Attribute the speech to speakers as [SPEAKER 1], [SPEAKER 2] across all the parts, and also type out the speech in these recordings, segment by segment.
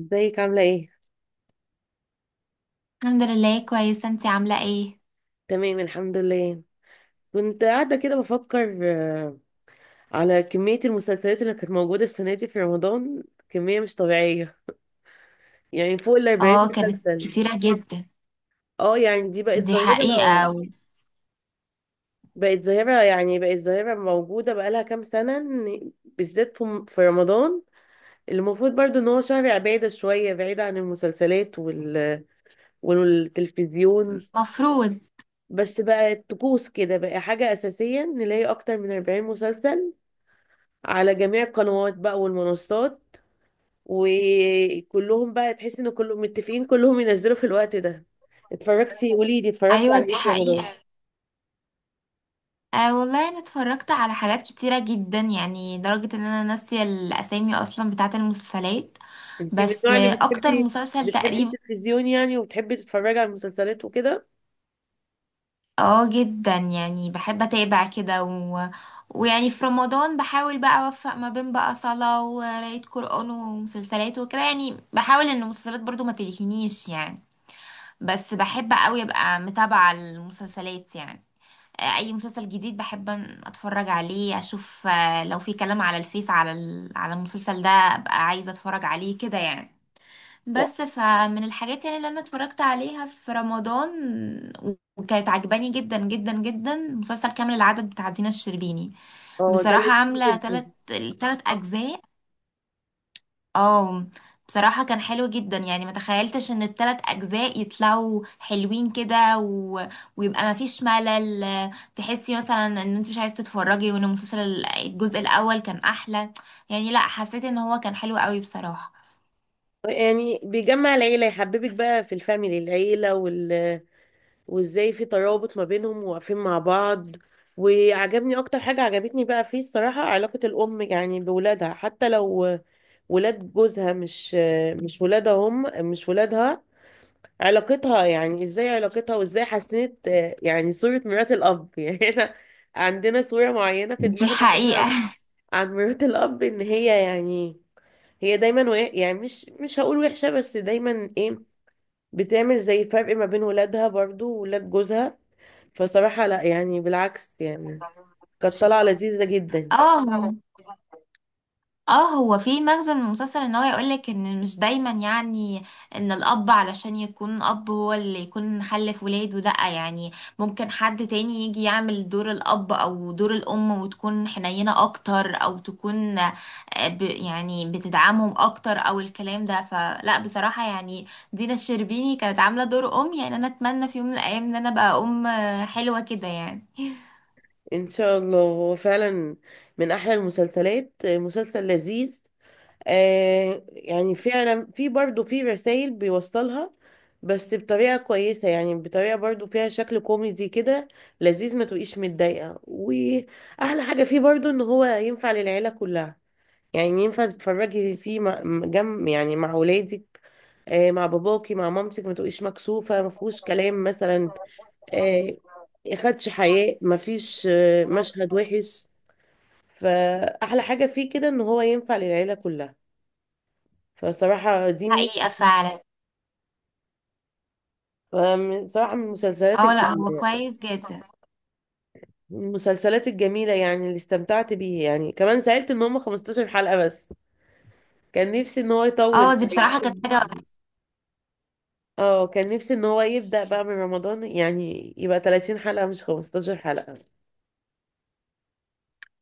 [SPEAKER 1] ازيك عاملة ايه؟
[SPEAKER 2] الحمد لله كويسة، انتي عاملة ايه؟
[SPEAKER 1] تمام الحمد لله. كنت قاعدة كده بفكر على كمية المسلسلات اللي كانت موجودة السنة دي في رمضان. كمية مش طبيعية، يعني فوق الأربعين
[SPEAKER 2] اه، كانت
[SPEAKER 1] مسلسل.
[SPEAKER 2] كتيرة جدا.
[SPEAKER 1] اه، يعني دي بقت
[SPEAKER 2] دي
[SPEAKER 1] ظاهرة.
[SPEAKER 2] حقيقة.
[SPEAKER 1] بقت ظاهرة، يعني بقت ظاهرة موجودة بقالها كام سنة بالذات في رمضان، اللي المفروض برضو ان هو شهر عبادة شوية بعيد عن المسلسلات والتلفزيون.
[SPEAKER 2] مفروض.
[SPEAKER 1] بس بقت طقوس كده، بقى حاجة أساسية نلاقي أكتر من 40 مسلسل على جميع القنوات بقى والمنصات، وكلهم بقى تحس ان كلهم متفقين كلهم ينزلوا في الوقت ده. اتفرجتي؟ قولي لي، اتفرجتي
[SPEAKER 2] ايوه،
[SPEAKER 1] على
[SPEAKER 2] دي
[SPEAKER 1] ايه في رمضان؟
[SPEAKER 2] حقيقة. والله انا اتفرجت على حاجات كتيرة جدا، يعني لدرجة ان انا ناسية الاسامي اصلا بتاعة المسلسلات.
[SPEAKER 1] انت من
[SPEAKER 2] بس
[SPEAKER 1] النوع اللي
[SPEAKER 2] اكتر
[SPEAKER 1] بتحبي،
[SPEAKER 2] مسلسل
[SPEAKER 1] بتحبي
[SPEAKER 2] تقريبا.
[SPEAKER 1] التلفزيون يعني، وبتحبي تتفرجي على المسلسلات وكده
[SPEAKER 2] اه جدا، يعني بحب اتابع كده ويعني في رمضان بحاول بقى اوفق ما بين بقى صلاة وقراية قرآن ومسلسلات وكده، يعني بحاول ان المسلسلات برضو ما تلهينيش يعني. بس بحب قوي ابقى متابعة المسلسلات يعني. اي مسلسل جديد بحب ان اتفرج عليه اشوف، لو في كلام على الفيس على المسلسل ده ابقى عايزة اتفرج عليه كده يعني.
[SPEAKER 1] و-
[SPEAKER 2] بس فمن الحاجات يعني اللي انا اتفرجت عليها في رمضان وكانت عجباني جدا جدا جدا مسلسل كامل العدد بتاع دينا الشربيني.
[SPEAKER 1] اه، ده
[SPEAKER 2] بصراحة
[SPEAKER 1] لذيذ
[SPEAKER 2] عاملة
[SPEAKER 1] جدا.
[SPEAKER 2] التلت أجزاء. اه. بصراحة كان حلو جدا، يعني ما تخيلتش ان التلات اجزاء يطلعوا حلوين كده ويبقى ما فيش ملل. تحسي مثلا ان انت مش عايز تتفرجي، وان المسلسل الجزء الاول كان احلى. يعني لا، حسيت ان هو كان حلو قوي بصراحة.
[SPEAKER 1] يعني بيجمع العيلة، يحببك بقى في الفاميلي، العيلة وازاي في ترابط ما بينهم وواقفين مع بعض. وعجبني اكتر حاجة عجبتني بقى فيه الصراحة علاقة الام يعني بولادها، حتى لو ولاد جوزها، مش مش ولادها، هم مش ولادها. علاقتها يعني، ازاي علاقتها وازاي حسنت يعني صورة مرات الأب يعني احنا عندنا صورة معينة في
[SPEAKER 2] دي
[SPEAKER 1] دماغنا
[SPEAKER 2] حقيقة.
[SPEAKER 1] عن مرات الأب، إن هي يعني هي دايما يعني مش هقول وحشة، بس دايما ايه، بتعمل زي فرق ما بين ولادها برضو وولاد جوزها. فصراحة لا، يعني بالعكس يعني، كانت طالعة لذيذة جدا.
[SPEAKER 2] اه. اه، هو في مغزى من المسلسل ان هو يقولك ان مش دايما يعني ان الاب علشان يكون اب هو اللي يكون خلف ولاده. لأ يعني ممكن حد تاني يجي يعمل دور الاب او دور الام، وتكون حنينة اكتر او تكون، آه، ب يعني بتدعمهم اكتر او الكلام ده. فلا بصراحة يعني دينا الشربيني كانت عاملة دور ام. يعني انا اتمنى في يوم من الايام ان انا ابقى ام حلوة كده يعني.
[SPEAKER 1] ان شاء الله. هو فعلا من احلى المسلسلات، مسلسل لذيذ. آه، يعني فعلا في برضه في رسائل بيوصلها، بس بطريقة كويسة، يعني بطريقة برضه فيها شكل كوميدي كده لذيذ، ما تبقيش متضايقة. وأحلى حاجة فيه برضه إن هو ينفع للعيلة كلها، يعني ينفع تتفرجي فيه جنب، يعني مع ولادك، آه، مع باباكي، مع مامتك، ما تبقيش مكسوفة، ما فيهوش كلام مثلا، آه خدش حياء، ما فيش مشهد وحش. فأحلى حاجة فيه كده إن هو ينفع للعيلة كلها. فصراحة دي
[SPEAKER 2] حقيقة فعلا.
[SPEAKER 1] صراحة من
[SPEAKER 2] اه لا، هو كويس جدا.
[SPEAKER 1] من المسلسلات الجميلة يعني، اللي استمتعت بيه، يعني كمان زعلت ان هم 15 حلقة بس. كان نفسي ان هو يطول
[SPEAKER 2] اه، دي
[SPEAKER 1] يعني.
[SPEAKER 2] بصراحة كانت حاجة.
[SPEAKER 1] اه، كان نفسي ان هو يبدأ بقى من رمضان، يعني يبقى 30 حلقة مش 15 حلقة.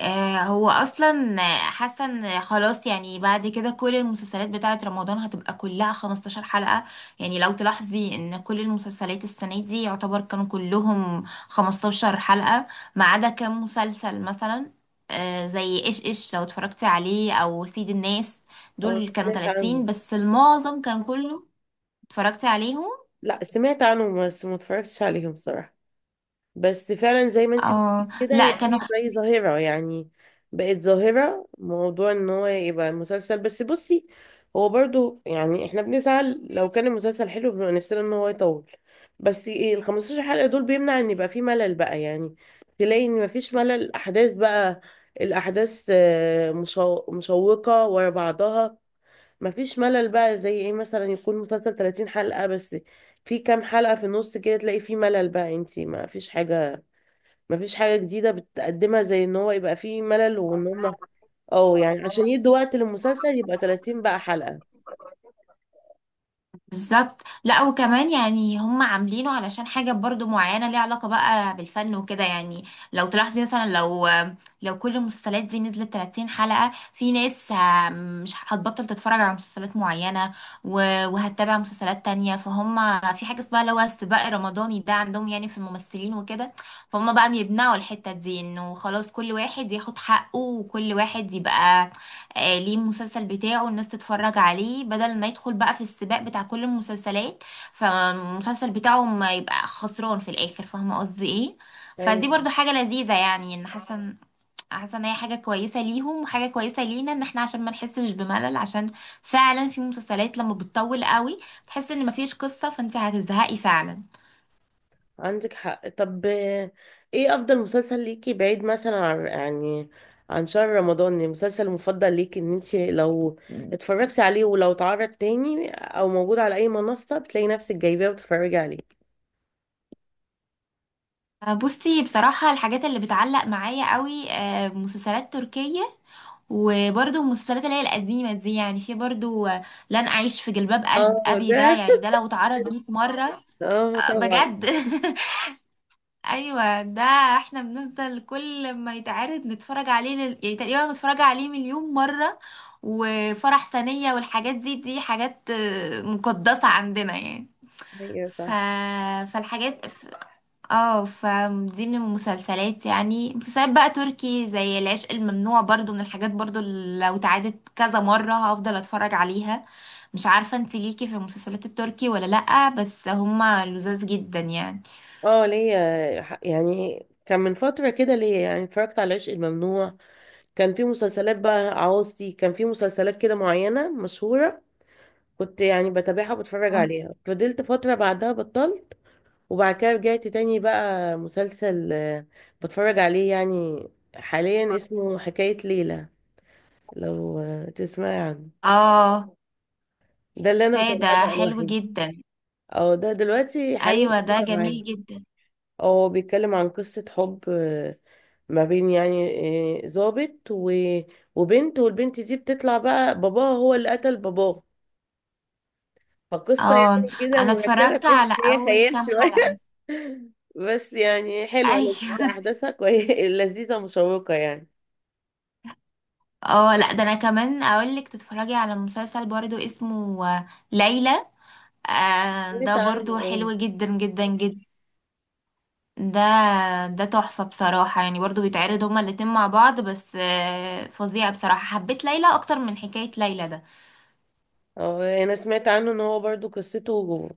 [SPEAKER 2] هو اصلا حاسه ان خلاص، يعني بعد كده كل المسلسلات بتاعه رمضان هتبقى كلها 15 حلقه. يعني لو تلاحظي ان كل المسلسلات السنه دي يعتبر كانوا كلهم 15 حلقه، ما عدا كام مسلسل مثلا، زي ايش ايش لو اتفرجتي عليه او سيد الناس.
[SPEAKER 1] اه،
[SPEAKER 2] دول كانوا
[SPEAKER 1] سمعت
[SPEAKER 2] 30،
[SPEAKER 1] عنه.
[SPEAKER 2] بس المعظم كان كله. اتفرجتي عليهم؟
[SPEAKER 1] لا، سمعت عنه بس ما اتفرجتش عليهم صراحة. بس فعلا زي ما انتي بتقولي
[SPEAKER 2] اه
[SPEAKER 1] كده،
[SPEAKER 2] لا،
[SPEAKER 1] هي
[SPEAKER 2] كانوا.
[SPEAKER 1] دي زي ظاهرة يعني، بقت ظاهرة، موضوع ان هو يبقى مسلسل. بس بصي، هو برضو يعني احنا بنسعى لو كان المسلسل حلو بنبقى نفسنا ان هو يطول، بس ايه، ال 15 حلقة دول بيمنع ان يبقى فيه ملل بقى، يعني تلاقي ان مفيش ملل، الاحداث بقى، الاحداث مشوقة ورا بعضها، مفيش ملل بقى. زي ايه، مثلا يكون مسلسل 30 حلقة بس، في كام حلقة في النص كده تلاقي فيه ملل بقى، انتي ما فيش حاجة، مفيش حاجة جديدة بتقدمها، زي ان هو يبقى فيه ملل، وان هما اه يعني عشان يدوا وقت للمسلسل يبقى 30 بقى حلقة.
[SPEAKER 2] بالظبط. لا، وكمان يعني هم عاملينه علشان حاجة برضو معينة ليها علاقة بقى بالفن وكده. يعني لو تلاحظي مثلا، لو كل المسلسلات دي نزلت 30 حلقة، في ناس مش هتبطل تتفرج على مسلسلات معينة، وهتتابع مسلسلات تانية. فهم في حاجة اسمها اللي هو السباق الرمضاني ده عندهم، يعني في الممثلين وكده. فهم بقى بيمنعوا الحتة دي انه خلاص كل واحد ياخد حقه وكل واحد يبقى ليه المسلسل بتاعه الناس تتفرج عليه، بدل ما يدخل بقى في السباق بتاع كل المسلسلات، فالمسلسل بتاعه ما يبقى خسران في الاخر. فاهمه قصدي ايه؟ فدي
[SPEAKER 1] ايوه،
[SPEAKER 2] برضو حاجه لذيذه، يعني ان حاسه ان هي حاجه كويسه ليهم وحاجه كويسه لينا، ان احنا عشان ما نحسش بملل، عشان فعلا في مسلسلات لما بتطول قوي بتحس ان مفيش قصه فانت هتزهقي فعلا.
[SPEAKER 1] عندك حق. طب ايه افضل مسلسل ليكي بعيد مثلا عن يعني عن شهر رمضان؟ المسلسل المفضل ليكي ان انت لو اتفرجتي عليه، ولو اتعرض تاني او موجود على اي منصة، بتلاقي نفسك جايباه وتتفرجي عليه.
[SPEAKER 2] بصي بصراحة، الحاجات اللي بتعلق معايا قوي مسلسلات تركية، وبرضو المسلسلات اللي هي القديمة دي، يعني في برضو لن أعيش في جلباب قلب
[SPEAKER 1] اه
[SPEAKER 2] أبي. ده
[SPEAKER 1] ده،
[SPEAKER 2] يعني ده لو اتعرض 100 مرة،
[SPEAKER 1] اه طبعا،
[SPEAKER 2] بجد أيوة ده. احنا بنفضل كل ما يتعرض نتفرج عليه يعني تقريبا متفرجة عليه مليون مرة. وفرح ثانية والحاجات دي حاجات مقدسة عندنا يعني.
[SPEAKER 1] هي
[SPEAKER 2] ف...
[SPEAKER 1] صح.
[SPEAKER 2] فالحاجات. اه، فدي من المسلسلات، يعني مسلسلات بقى تركي زي العشق الممنوع، برضو من الحاجات برضو اللي لو اتعادت كذا مرة هفضل اتفرج عليها. مش عارفة انت ليكي في المسلسلات التركي ولا لأ، بس هما لذاذ جدا يعني.
[SPEAKER 1] اه ليا يعني، كان من فترة كده ليا يعني، اتفرجت على العشق الممنوع. كان في مسلسلات بقى عاوزتي، كان في مسلسلات كده معينة مشهورة، كنت يعني بتابعها وبتفرج عليها، فضلت فترة بعدها بطلت، وبعد كده رجعت تاني بقى مسلسل بتفرج عليه يعني حاليا، اسمه حكاية ليلى، لو تسمعي عنه.
[SPEAKER 2] اه
[SPEAKER 1] ده اللي انا متابعاه
[SPEAKER 2] فايدة،
[SPEAKER 1] بقى
[SPEAKER 2] حلو
[SPEAKER 1] الوحيد.
[SPEAKER 2] جدا.
[SPEAKER 1] اه، ده دلوقتي حاليا
[SPEAKER 2] ايوه،
[SPEAKER 1] كنت
[SPEAKER 2] ده
[SPEAKER 1] متابعاه.
[SPEAKER 2] جميل جدا.
[SPEAKER 1] هو بيتكلم عن قصة حب ما بين يعني ضابط وبنت، والبنت دي بتطلع بقى باباها هو اللي قتل باباه. فقصة
[SPEAKER 2] اه،
[SPEAKER 1] يعني كده
[SPEAKER 2] انا
[SPEAKER 1] مركبة،
[SPEAKER 2] اتفرجت
[SPEAKER 1] تحس
[SPEAKER 2] على
[SPEAKER 1] إن هي
[SPEAKER 2] اول
[SPEAKER 1] خيال
[SPEAKER 2] كام
[SPEAKER 1] شوية.
[SPEAKER 2] حلقة.
[SPEAKER 1] بس يعني حلوة، لذيذة،
[SPEAKER 2] ايوه
[SPEAKER 1] أحداثها كويسة، لذيذة مشوقة يعني.
[SPEAKER 2] اه لا، ده انا كمان اقولك تتفرجي على مسلسل برضو اسمه ليلى. آه،
[SPEAKER 1] سمعت
[SPEAKER 2] ده
[SPEAKER 1] عنه،
[SPEAKER 2] برضو
[SPEAKER 1] اه.
[SPEAKER 2] حلو جدا جدا جدا. ده ده تحفة بصراحة، يعني برضو بيتعرض هما الاتنين مع بعض، بس آه فظيع بصراحة. حبيت ليلى أكتر من حكاية ليلى ده.
[SPEAKER 1] اه، أنا سمعت عنه إن هو برضو قصته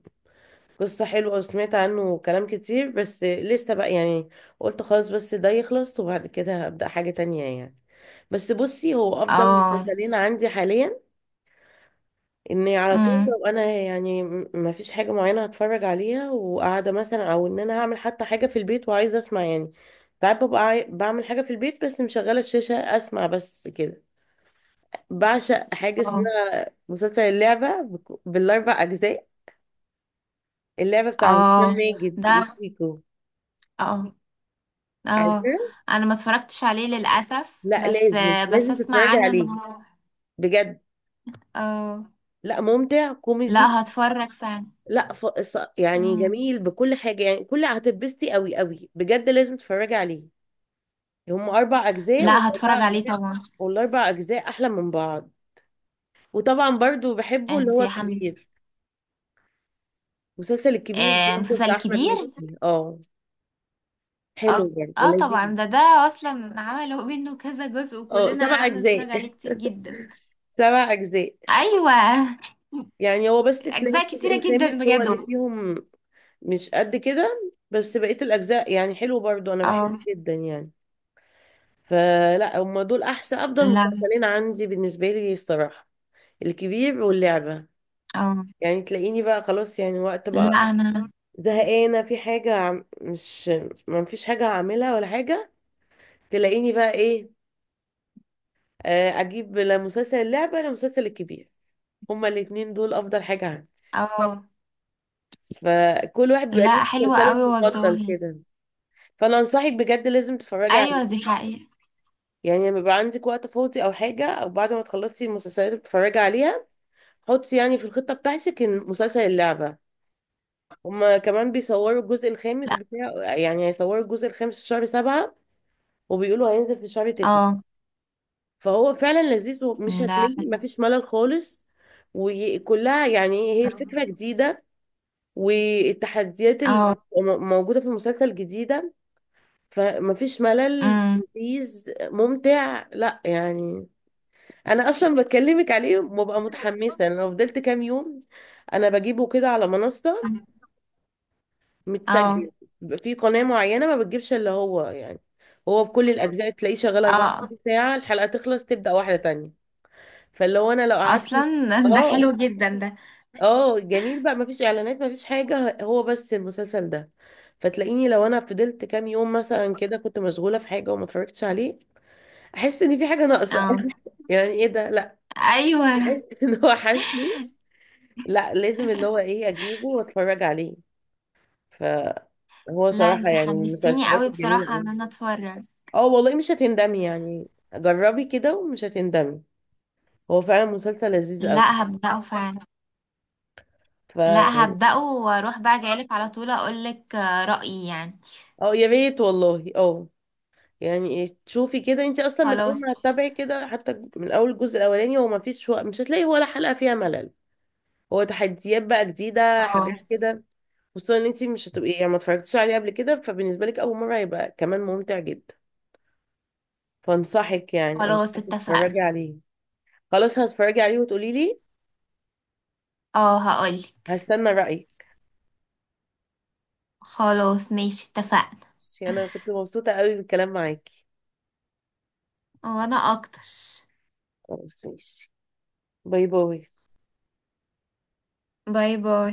[SPEAKER 1] قصة حلوة، وسمعت عنه كلام كتير، بس لسه بقى يعني قلت خلاص بس ده يخلص، وبعد كده هبدأ حاجة تانية يعني. بس بصي، هو أفضل
[SPEAKER 2] اه.
[SPEAKER 1] مسلسلين عندي حاليا، اني على طول،
[SPEAKER 2] امم.
[SPEAKER 1] لو انا يعني ما فيش حاجه معينه هتفرج عليها وقاعده مثلا، او ان انا هعمل حتى حاجه في البيت وعايزه اسمع يعني. ساعات ببقى بعمل حاجه في البيت بس مشغله الشاشه اسمع بس كده. بعشق حاجه
[SPEAKER 2] اه.
[SPEAKER 1] اسمها مسلسل اللعبه بالاربع اجزاء، اللعبه بتاع
[SPEAKER 2] اه
[SPEAKER 1] هشام ماجد
[SPEAKER 2] ده.
[SPEAKER 1] وشيكو،
[SPEAKER 2] اه.
[SPEAKER 1] عارفه.
[SPEAKER 2] اه، أنا ما اتفرجتش عليه للأسف،
[SPEAKER 1] لا،
[SPEAKER 2] بس
[SPEAKER 1] لازم
[SPEAKER 2] بس
[SPEAKER 1] لازم
[SPEAKER 2] أسمع
[SPEAKER 1] تتفرجي
[SPEAKER 2] عنه إن
[SPEAKER 1] عليه،
[SPEAKER 2] هو.
[SPEAKER 1] بجد.
[SPEAKER 2] اه
[SPEAKER 1] لا، ممتع كوميدي،
[SPEAKER 2] لا، هتفرج فعلا.
[SPEAKER 1] لا، يعني
[SPEAKER 2] امم.
[SPEAKER 1] جميل بكل حاجه، يعني كل هتتبسطي قوي قوي، بجد لازم تتفرجي عليه. هم اربع اجزاء،
[SPEAKER 2] لا، هتفرج عليه طبعا.
[SPEAKER 1] والاربع اجزاء احلى من بعض. وطبعا برضو بحبه اللي هو
[SPEAKER 2] انتي يا حمد.
[SPEAKER 1] الكبير، المسلسل الكبير
[SPEAKER 2] آه،
[SPEAKER 1] برضو
[SPEAKER 2] مسلسل
[SPEAKER 1] بتاع احمد مكي.
[SPEAKER 2] كبير.
[SPEAKER 1] اه،
[SPEAKER 2] اه.
[SPEAKER 1] حلو برضو
[SPEAKER 2] اه
[SPEAKER 1] لذيذ.
[SPEAKER 2] طبعا، ده اصلا عملوا منه كذا جزء،
[SPEAKER 1] اه،
[SPEAKER 2] وكلنا
[SPEAKER 1] سبع
[SPEAKER 2] قعدنا
[SPEAKER 1] اجزاء
[SPEAKER 2] نتفرج عليه كتير جدا.
[SPEAKER 1] سبع اجزاء.
[SPEAKER 2] ايوه.
[SPEAKER 1] يعني هو بس تلاقي
[SPEAKER 2] اجزاء
[SPEAKER 1] الجزء
[SPEAKER 2] كتيره
[SPEAKER 1] الخامس
[SPEAKER 2] جدا
[SPEAKER 1] هو
[SPEAKER 2] بجد.
[SPEAKER 1] اللي فيهم مش قد كده، بس بقية الاجزاء يعني حلو برضو، انا بحبه
[SPEAKER 2] اه
[SPEAKER 1] جدا يعني. فلا، هم دول احسن افضل
[SPEAKER 2] لا.
[SPEAKER 1] مسلسلين عندي بالنسبة لي الصراحة، الكبير واللعبة.
[SPEAKER 2] اه.
[SPEAKER 1] يعني تلاقيني بقى خلاص، يعني وقت
[SPEAKER 2] لا
[SPEAKER 1] بقى
[SPEAKER 2] انا.
[SPEAKER 1] زهقانة في حاجة مش ما فيش حاجة هعملها ولا حاجة، تلاقيني بقى ايه، اجيب لا مسلسل اللعبة لا مسلسل الكبير. هما الاتنين دول افضل حاجة عندي.
[SPEAKER 2] اه.
[SPEAKER 1] فكل واحد بيبقى ليه
[SPEAKER 2] لا، حلوه
[SPEAKER 1] مسلسله
[SPEAKER 2] قوي
[SPEAKER 1] المفضل
[SPEAKER 2] والله.
[SPEAKER 1] كده. فانا انصحك، بجد لازم تتفرجي عليه،
[SPEAKER 2] ايوه، دي حقيقه.
[SPEAKER 1] يعني لما يبقى عندك وقت فاضي او حاجة، او بعد ما تخلصي المسلسلات اللي بتتفرجي عليها، حطي يعني في الخطة بتاعتك إن مسلسل اللعبة. هما كمان بيصوروا الجزء الخامس
[SPEAKER 2] لا.
[SPEAKER 1] بتاع يعني، هيصوروا الجزء الخامس في شهر سبعة، وبيقولوا هينزل في شهر تسعة.
[SPEAKER 2] اه
[SPEAKER 1] فهو فعلا لذيذ، ومش هتمل،
[SPEAKER 2] ده.
[SPEAKER 1] مفيش ملل خالص، وكلها يعني، هي الفكرة جديدة، والتحديات اللي
[SPEAKER 2] اه.
[SPEAKER 1] بتبقى موجودة في المسلسل جديدة، فمفيش ملل،
[SPEAKER 2] امم.
[SPEAKER 1] لذيذ ممتع، لا يعني. انا اصلا بكلمك عليه وببقى متحمسة. انا لو فضلت كام يوم، انا بجيبه كده على منصة
[SPEAKER 2] اه.
[SPEAKER 1] متسجل، بيبقى في قناة معينة ما بتجيبش اللي هو يعني، هو بكل الاجزاء، تلاقيه شغال
[SPEAKER 2] اه
[SPEAKER 1] 24 ساعة، الحلقة تخلص تبدأ واحدة تانية، فاللي هو انا لو قعدت،
[SPEAKER 2] اصلا. ده
[SPEAKER 1] اه.
[SPEAKER 2] حلو جدا ده.
[SPEAKER 1] اه جميل بقى، مفيش اعلانات، مفيش حاجه، هو بس المسلسل ده. فتلاقيني لو انا فضلت كام يوم مثلا كده، كنت مشغوله في حاجه وما اتفرجتش عليه، احس ان في حاجه ناقصه
[SPEAKER 2] اه.
[SPEAKER 1] يعني ايه ده، لا،
[SPEAKER 2] ايوه.
[SPEAKER 1] ان هو وحشني، لا لازم اللي هو ايه، اجيبه واتفرج عليه. فهو
[SPEAKER 2] لا،
[SPEAKER 1] صراحه
[SPEAKER 2] انت
[SPEAKER 1] يعني من
[SPEAKER 2] حمستيني
[SPEAKER 1] المسلسلات
[SPEAKER 2] قوي
[SPEAKER 1] الجميله
[SPEAKER 2] بصراحه ان
[SPEAKER 1] أوي.
[SPEAKER 2] انا اتفرج.
[SPEAKER 1] اه والله، مش هتندمي يعني، جربي كده ومش هتندمي، هو فعلا مسلسل لذيذ قوي.
[SPEAKER 2] لا، هبدأه فعلا. لا،
[SPEAKER 1] فيعني
[SPEAKER 2] هبدأه واروح بقى جايلك على طول اقولك رأيي يعني.
[SPEAKER 1] اه، يا ريت والله، اه. يعني ايه، تشوفي كده، انت اصلا من
[SPEAKER 2] خلاص.
[SPEAKER 1] اول ما هتتابعي كده، حتى من اول الجزء الاولاني، هو ما فيش، هو مش هتلاقي ولا حلقه فيها ملل، هو تحديات بقى جديده،
[SPEAKER 2] اه.
[SPEAKER 1] حاجات كده. خصوصا ان انت مش هتبقي يعني ما اتفرجتيش عليه قبل كده، فبالنسبه لك اول مره هيبقى كمان ممتع جدا. فانصحك، يعني
[SPEAKER 2] خلاص
[SPEAKER 1] انصحك
[SPEAKER 2] اتفقنا.
[SPEAKER 1] تتفرجي عليه. خلاص، هتفرجي عليه وتقولي لي،
[SPEAKER 2] اه هقولك.
[SPEAKER 1] هستنى رايك.
[SPEAKER 2] خلاص ماشي اتفقنا.
[SPEAKER 1] ماشي، انا كنت مبسوطه قوي بالكلام معاكي.
[SPEAKER 2] وانا اكتر.
[SPEAKER 1] خلاص ماشي، باي باي.
[SPEAKER 2] باي باي.